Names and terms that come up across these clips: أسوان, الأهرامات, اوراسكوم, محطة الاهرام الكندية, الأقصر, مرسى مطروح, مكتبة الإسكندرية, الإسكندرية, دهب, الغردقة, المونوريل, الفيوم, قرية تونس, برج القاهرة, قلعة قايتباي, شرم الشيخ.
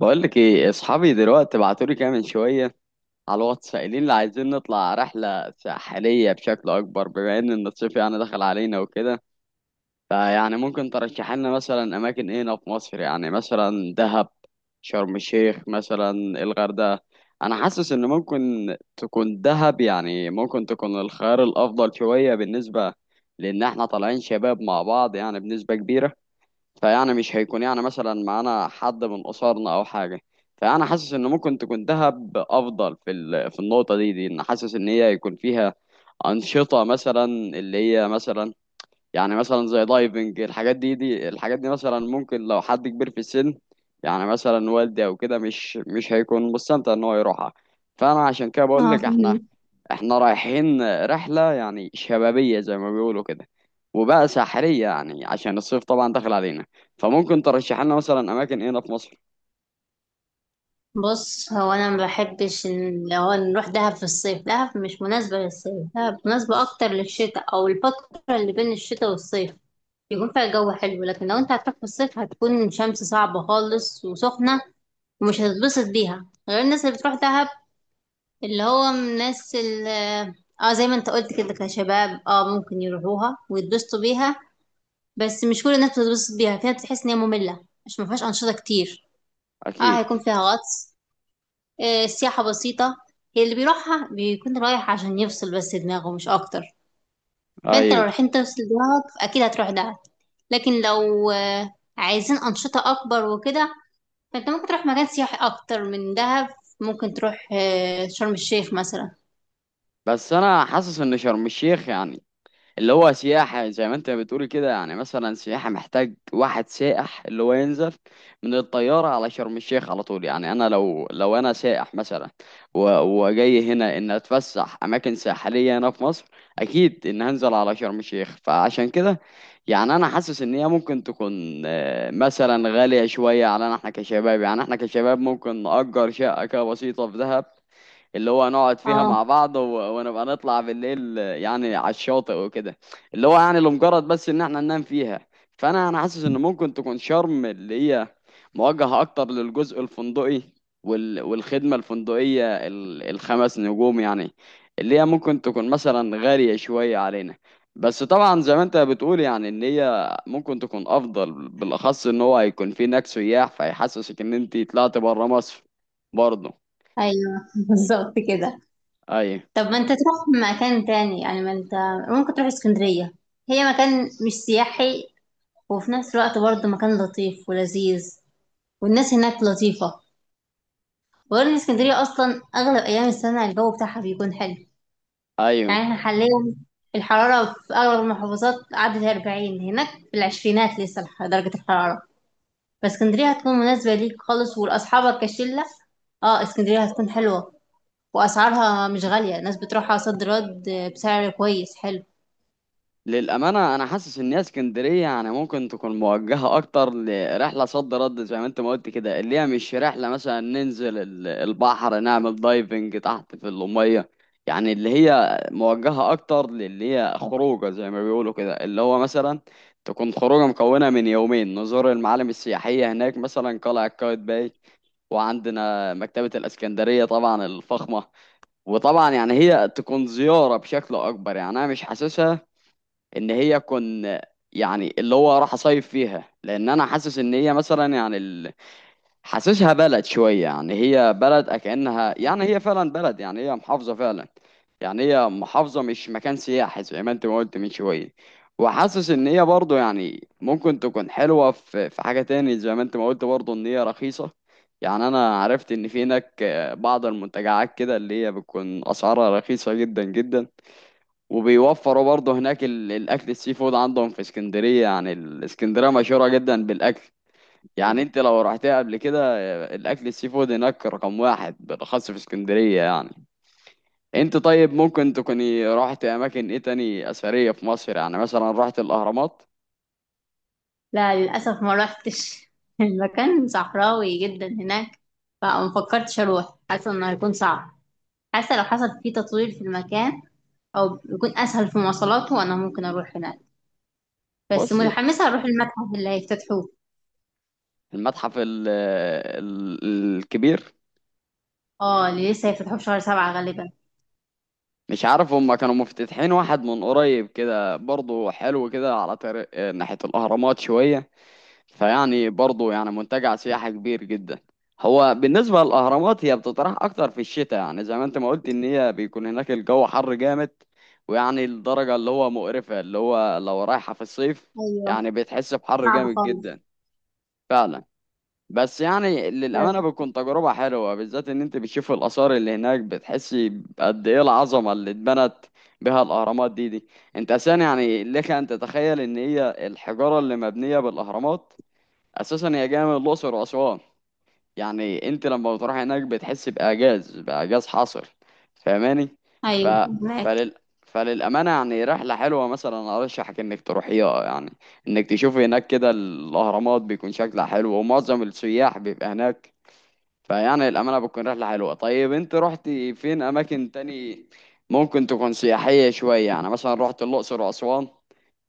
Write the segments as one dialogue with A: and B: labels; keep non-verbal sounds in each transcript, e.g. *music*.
A: بقول لك ايه، اصحابي دلوقتي بعتولي كده من شويه على الواتس قايلين لي عايزين نطلع رحله ساحليه بشكل اكبر بما ان الصيف يعني دخل علينا وكده. فيعني ممكن ترشح لنا مثلا اماكن ايه هنا في مصر؟ يعني مثلا دهب، شرم الشيخ مثلا، الغردقه. انا حاسس ان ممكن تكون دهب، يعني ممكن تكون الخيار الافضل شويه بالنسبه لان احنا طالعين شباب مع بعض يعني بنسبه كبيره. فيعني مش هيكون يعني مثلا معانا حد من قصارنا او حاجه. فانا حاسس ان ممكن تكون دهب افضل في النقطه دي ان حاسس ان هي يكون فيها انشطه، مثلا اللي هي مثلا يعني مثلا زي دايفنج. الحاجات دي الحاجات دي مثلا، ممكن لو حد كبير في السن يعني مثلا والدي او كده مش هيكون مستمتع ان هو يروحها. فانا عشان كده بقول
B: اه
A: لك احنا
B: فهمت.
A: احنا رايحين رحلة يعني شبابية زي ما بيقولوا كده، وبقى ساحرية يعني عشان الصيف طبعا داخل علينا. فممكن ترشح لنا مثلا أماكن هنا في مصر؟
B: بص، هو انا ما بحبش ان لو نروح دهب في الصيف. دهب مش مناسبه للصيف، دهب مناسبه اكتر للشتاء او الفتره اللي بين الشتاء والصيف يكون فيها جو حلو. لكن لو انت هتروح في الصيف هتكون شمس صعبه خالص وسخنه، ومش هتتبسط بيها غير الناس اللي بتروح دهب، اللي هو من الناس اللي اه زي ما انت قلت كده، كشباب ممكن يروحوها ويتبسطوا بيها. بس مش كل الناس بتتبسط بيها، فيها بتحس ان هي ممله، مش ما فيهاش انشطه كتير. اه
A: أكيد.
B: هيكون فيها غطس. السياحة بسيطة، هي اللي بيروحها بيكون رايح عشان يفصل بس دماغه، مش أكتر. فأنت لو
A: أيوه.
B: رايحين تفصل دماغك أكيد هتروح دهب، لكن لو عايزين أنشطة أكبر وكده، فأنت ممكن تروح مكان سياحي أكتر من دهب. ممكن تروح شرم الشيخ مثلا.
A: بس أنا حاسس إن شرم الشيخ يعني اللي هو سياحة زي ما انت بتقول كده، يعني مثلا سياحة محتاج واحد سائح اللي هو ينزل من الطيارة على شرم الشيخ على طول. يعني انا لو انا سائح مثلا وجاي هنا ان اتفسح اماكن ساحلية هنا في مصر، اكيد ان هنزل على شرم الشيخ. فعشان كده يعني انا حاسس ان هي ممكن تكون مثلا غالية شوية علينا احنا كشباب. يعني احنا كشباب ممكن نأجر شقة كده بسيطة في دهب، اللي هو نقعد فيها مع
B: اه
A: بعض ونبقى نطلع بالليل يعني على الشاطئ وكده، اللي هو يعني لمجرد بس ان احنا ننام فيها. فانا حاسس ان ممكن تكون شرم اللي هي موجهة اكتر للجزء الفندقي والخدمة الفندقية الخمس نجوم، يعني اللي هي ممكن تكون مثلا غالية شوية علينا. بس طبعا زي ما انت بتقول يعني ان هي ممكن تكون افضل، بالاخص ان هو هيكون في هناك سياح فيحسسك ان انت طلعت بره مصر برضه.
B: ايوه *laughs* بالظبط كده.
A: ايوه.
B: طب ما انت تروح مكان تاني، يعني ما انت ممكن تروح اسكندرية. هي مكان مش سياحي وفي نفس الوقت برضه مكان لطيف ولذيذ، والناس هناك لطيفة. وغير ان اسكندريه اصلا اغلب ايام السنه الجو بتاعها بيكون حلو.
A: ايوه،
B: يعني احنا حاليا الحراره في اغلب المحافظات عدت 40، هناك في العشرينات لسه درجه الحراره. فاسكندريه هتكون مناسبه ليك خالص ولاصحابك كشله. اه اسكندريه هتكون حلوه، واسعارها مش غاليه. الناس بتروحها صد رد بسعر كويس حلو.
A: للأمانة أنا حاسس إن هي اسكندرية يعني ممكن تكون موجهة أكتر لرحلة صد رد زي ما أنت ما قلت كده، اللي هي مش رحلة مثلا ننزل البحر نعمل دايفنج تحت في المية. يعني اللي هي موجهة أكتر للي هي خروجة زي ما بيقولوا كده، اللي هو مثلا تكون خروجة مكونة من يومين نزور المعالم السياحية هناك، مثلا قلعة قايتباي، وعندنا مكتبة الإسكندرية طبعا الفخمة. وطبعا يعني هي تكون زيارة بشكل أكبر، يعني أنا مش حاسسها ان هي كن يعني اللي هو راح اصيف فيها، لان انا حاسس ان هي مثلا يعني حاسسها بلد شويه، يعني هي بلد كأنها يعني هي فعلا بلد، يعني هي محافظه فعلا. يعني هي محافظه مش مكان سياحي زي ما انت ما قلت من شويه. وحاسس ان هي برضه يعني ممكن تكون حلوه في حاجه تاني زي ما انت ما قلت برضه ان هي رخيصه. يعني انا عرفت ان في هناك بعض المنتجعات كده اللي هي بتكون اسعارها رخيصه جدا جدا، وبيوفروا برضه هناك الاكل السي فود عندهم في اسكندريه. يعني الاسكندريه مشهوره جدا بالاكل، يعني انت لو رحتها قبل كده الاكل السي فود هناك رقم واحد بالاخص في اسكندريه. يعني انت طيب ممكن تكوني رحت اماكن ايه تاني اثريه في مصر؟ يعني مثلا رحت الاهرامات؟
B: لا للاسف ما روحتش *laughs* المكان صحراوي جدا هناك، فما فكرتش اروح، حاسه انه هيكون صعب. حاسة لو حصل فيه تطوير في المكان أو يكون أسهل في مواصلاته أنا ممكن أروح هناك. بس
A: بص،
B: متحمسة أروح المتحف اللي هيفتتحوه،
A: المتحف ال الكبير.
B: اه اللي لسه هيفتحوه في شهر سبعة غالبا.
A: مش عارف هما كانوا مفتتحين واحد من قريب كده برضه حلو كده على طريق ناحيه الاهرامات شويه، فيعني برضه يعني منتجع سياحي كبير جدا. هو بالنسبة للأهرامات هي بتطرح أكتر في الشتاء، يعني زي ما أنت ما قلت إن هي بيكون هناك الجو حر جامد، ويعني الدرجة اللي هو مقرفة اللي هو لو رايحة في الصيف.
B: ايوه
A: يعني بتحس بحر
B: صعب
A: جامد
B: خالص.
A: جدا. فعلا. بس يعني
B: طب
A: للأمانة بتكون تجربة حلوة، بالذات إن أنت بتشوف الآثار اللي هناك، بتحسي قد إيه العظمة اللي اتبنت بها الأهرامات دي. أنت أساسا يعني لك أن تتخيل إن هي الحجارة اللي مبنية بالأهرامات اساسا هي جايه من الاقصر واسوان. يعني انت لما بتروح هناك بتحس باعجاز حاصل، فاهماني؟ ف
B: أيوة، هناك
A: فلل... فللامانه يعني رحله حلوه، مثلا ارشحك انك تروحيها، يعني انك تشوفي هناك كده الاهرامات بيكون شكلها حلو ومعظم السياح بيبقى هناك. فيعني الامانه بتكون رحله حلوه. طيب انت رحتي فين اماكن تاني ممكن تكون سياحيه شويه؟ يعني مثلا رحت الاقصر واسوان؟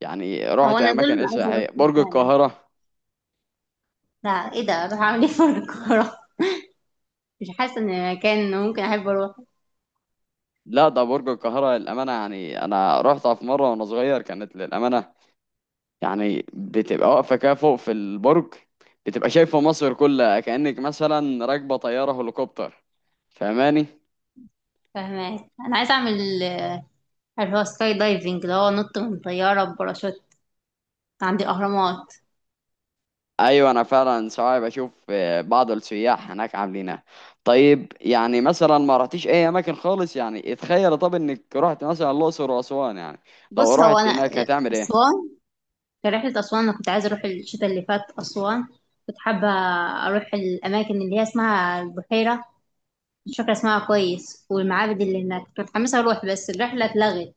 A: يعني
B: هو
A: رحت
B: أنا دول
A: اماكن
B: اللي
A: إيه
B: عايزة
A: سياحيه؟
B: أروحهم
A: برج
B: فعلا.
A: القاهره؟
B: لا، إيه ده؟ أروح أعمل إيه في القاهرة؟ *laughs* مش حاسة إن مكان ممكن أحب أروح.
A: لا، ده برج القاهرة للأمانة، يعني أنا رحتها في مرة وأنا صغير كانت للأمانة، يعني بتبقى واقفة كده فوق في البرج بتبقى شايفة مصر كلها كأنك مثلا راكبة طيارة هليكوبتر، فاهماني؟
B: فهناك أنا عايزة أعمل اللي هو سكاي دايفنج، اللي هو نط من طيارة بباراشوت عند الأهرامات.
A: أيوة أنا فعلا ساعات بشوف بعض السياح هناك عاملينها. طيب يعني مثلا ما رحتيش أي أماكن خالص؟ يعني اتخيل طب إنك رحت مثلا الأقصر وأسوان، يعني لو
B: بص، هو
A: رحت
B: أنا
A: هناك هتعمل إيه؟
B: أسوان، في رحلة أسوان أنا كنت عايزة أروح الشتاء اللي فات أسوان. كنت حابة أروح الأماكن اللي هي اسمها البحيرة، مش فاكرة اسمها كويس، والمعابد اللي هناك كنت متحمسة أروح، بس الرحلة اتلغت.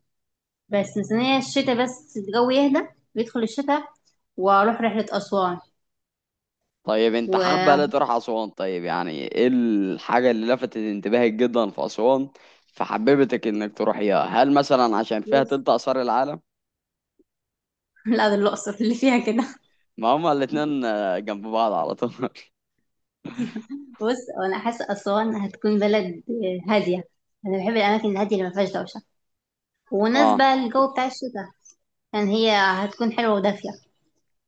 B: بس مستنية الشتاء، بس الجو يهدى، بيدخل الشتاء وأروح رحلة أسوان.
A: طيب انت حابة لا
B: و
A: تروح أسوان، طيب يعني ايه الحاجة اللي لفتت انتباهك جدا في أسوان فحببتك انك تروحيها؟ هل مثلا عشان فيها
B: بص
A: تلت آثار العالم؟
B: *laughs* لا ده الأقصر اللي فيها كده.
A: ما هما الاتنين جنب بعض على طول. *laughs*
B: بص، وأنا حاسة أسوان هتكون بلد هادية. أنا بحب الأماكن الهادية اللي ما فيهاش دوشة، ومناسبة
A: اه،
B: للجو بتاع الشتاء، يعني هي هتكون حلوة ودافية.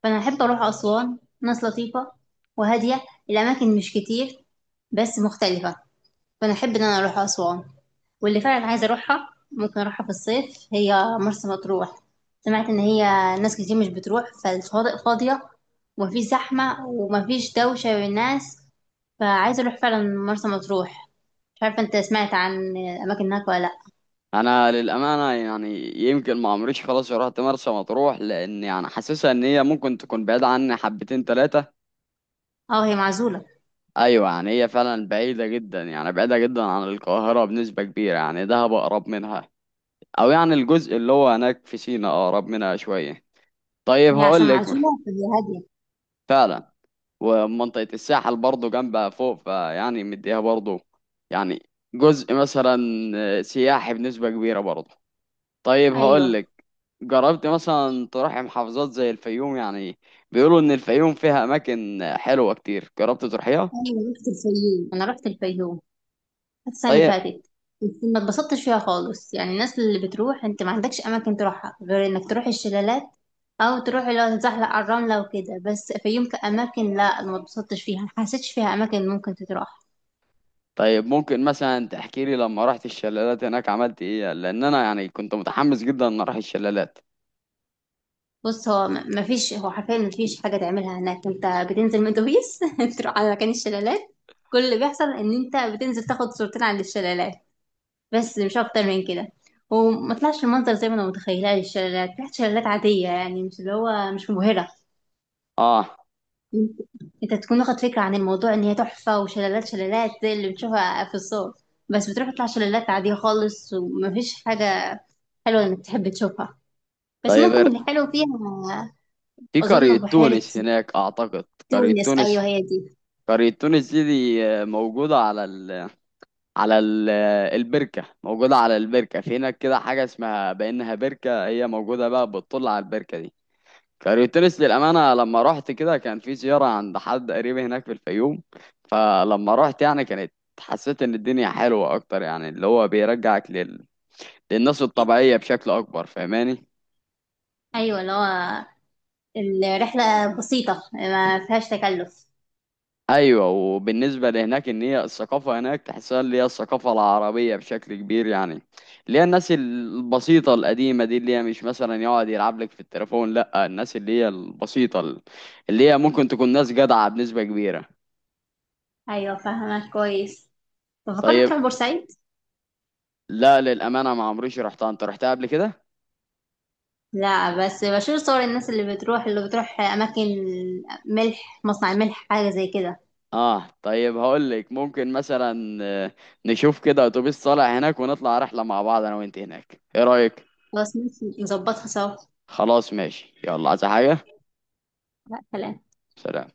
B: فانا احب اروح اسوان، ناس لطيفه وهاديه، الاماكن مش كتير بس مختلفه. فانا احب ان انا اروح اسوان. واللي فعلا عايزه اروحها ممكن اروحها في الصيف، هي مرسى مطروح. سمعت ان هي ناس كتير مش بتروح، فالشواطئ فاضيه، ومفيش زحمه ومفيش دوشه بين الناس. فعايزه اروح فعلا مرسى مطروح. مش عارفه انت سمعت عن الاماكن هناك ولا لا؟
A: انا للأمانة يعني يمكن ما عمريش خلاص رحت مرسى مطروح، لان يعني حاسسها ان هي ممكن تكون بعيدة عني حبتين تلاتة.
B: اه هي معزوله،
A: ايوه، يعني هي فعلا بعيدة جدا، يعني بعيدة جدا عن القاهرة بنسبة كبيرة، يعني دهب أقرب منها، او يعني الجزء اللي هو هناك في سينا أقرب منها شوية. طيب
B: هي عشان
A: هقول لك.
B: معزوله فهي هاديه.
A: فعلا. ومنطقة الساحل برضه جنبها فوق فيعني مديها برضه يعني جزء مثلا سياحي بنسبة كبيرة برضه. طيب هقول
B: ايوه.
A: لك، جربت مثلا تروح محافظات زي الفيوم؟ يعني بيقولوا إن الفيوم فيها أماكن حلوة كتير، جربت تروحيها؟
B: ايوه رحت الفيوم، انا رحت الفيوم السنة اللي
A: طيب.
B: فاتت. ما اتبسطتش فيها خالص، يعني الناس اللي بتروح انت ما عندكش اماكن تروحها غير انك تروح الشلالات او تروح اللي هو تتزحلق على الرملة وكده. بس فيوم كأماكن، لا، أنا ما اتبسطتش فيها، ما حسيتش فيها اماكن ممكن تتروح.
A: طيب ممكن مثلا تحكي لي لما رحت الشلالات هناك عملت إيه؟ لأن أنا يعني كنت متحمس جدا إن أروح الشلالات.
B: بص ما فيش، هو حرفيا ما فيش حاجة تعملها هناك. انت بتنزل من اتوبيس *laughs* تروح على مكان الشلالات، كل اللي بيحصل ان انت بتنزل تاخد صورتين على الشلالات، بس مش اكتر من كده. وما طلعش المنظر زي ما انا متخيلاه للشلالات، طلعت شلالات عادية، يعني مش اللي هو، مش مبهرة.
A: آه.
B: انت تكون واخد فكرة عن الموضوع ان هي تحفة، وشلالات شلالات زي اللي بتشوفها في الصور، بس بتروح تطلع شلالات عادية خالص، ومفيش حاجة حلوة انك تحب تشوفها. بس
A: طيب،
B: ممكن اللي حلو فيها،
A: في
B: اظن
A: قرية
B: بحيرة
A: تونس هناك أعتقد. قرية
B: تونس، ايوه
A: تونس.
B: هي دي.
A: قرية تونس دي موجودة على على ال البركة، موجودة على البركة، في هناك كده حاجة اسمها بأنها بركة، هي موجودة بقى بتطل على البركة دي. قرية تونس للأمانة لما رحت كده كان في زيارة عند حد قريب هناك في الفيوم، فلما رحت يعني كانت حسيت إن الدنيا حلوة أكتر، يعني اللي هو بيرجعك للناس الطبيعية بشكل أكبر، فاهماني؟
B: ايوه اللي هو الرحلة بسيطة ما فيهاش تكلف.
A: ايوه، وبالنسبه لهناك ان هي الثقافه هناك تحسها اللي هي الثقافه العربيه بشكل كبير، يعني اللي هي الناس البسيطه القديمه دي اللي هي مش مثلا يقعد يلعب لك في التليفون، لا، الناس اللي هي البسيطه اللي هي ممكن تكون ناس جدعه بنسبه كبيره.
B: ايوه فاهمة كويس. طب فكرت
A: طيب.
B: تروح بورسعيد؟
A: لا للامانه ما عمريش رحتها، انت رحتها قبل كده؟
B: لا، بس بشوف صور الناس اللي بتروح، اللي بتروح اماكن ملح، مصنع ملح حاجة زي كده.
A: اه، طيب هقول لك، ممكن مثلا نشوف كده اتوبيس طالع هناك ونطلع رحله مع بعض انا وانت هناك، ايه رايك؟
B: خلاص ماشي نظبطها سوا.
A: خلاص ماشي، يلا عايز حاجه؟
B: لا كلام.
A: سلام.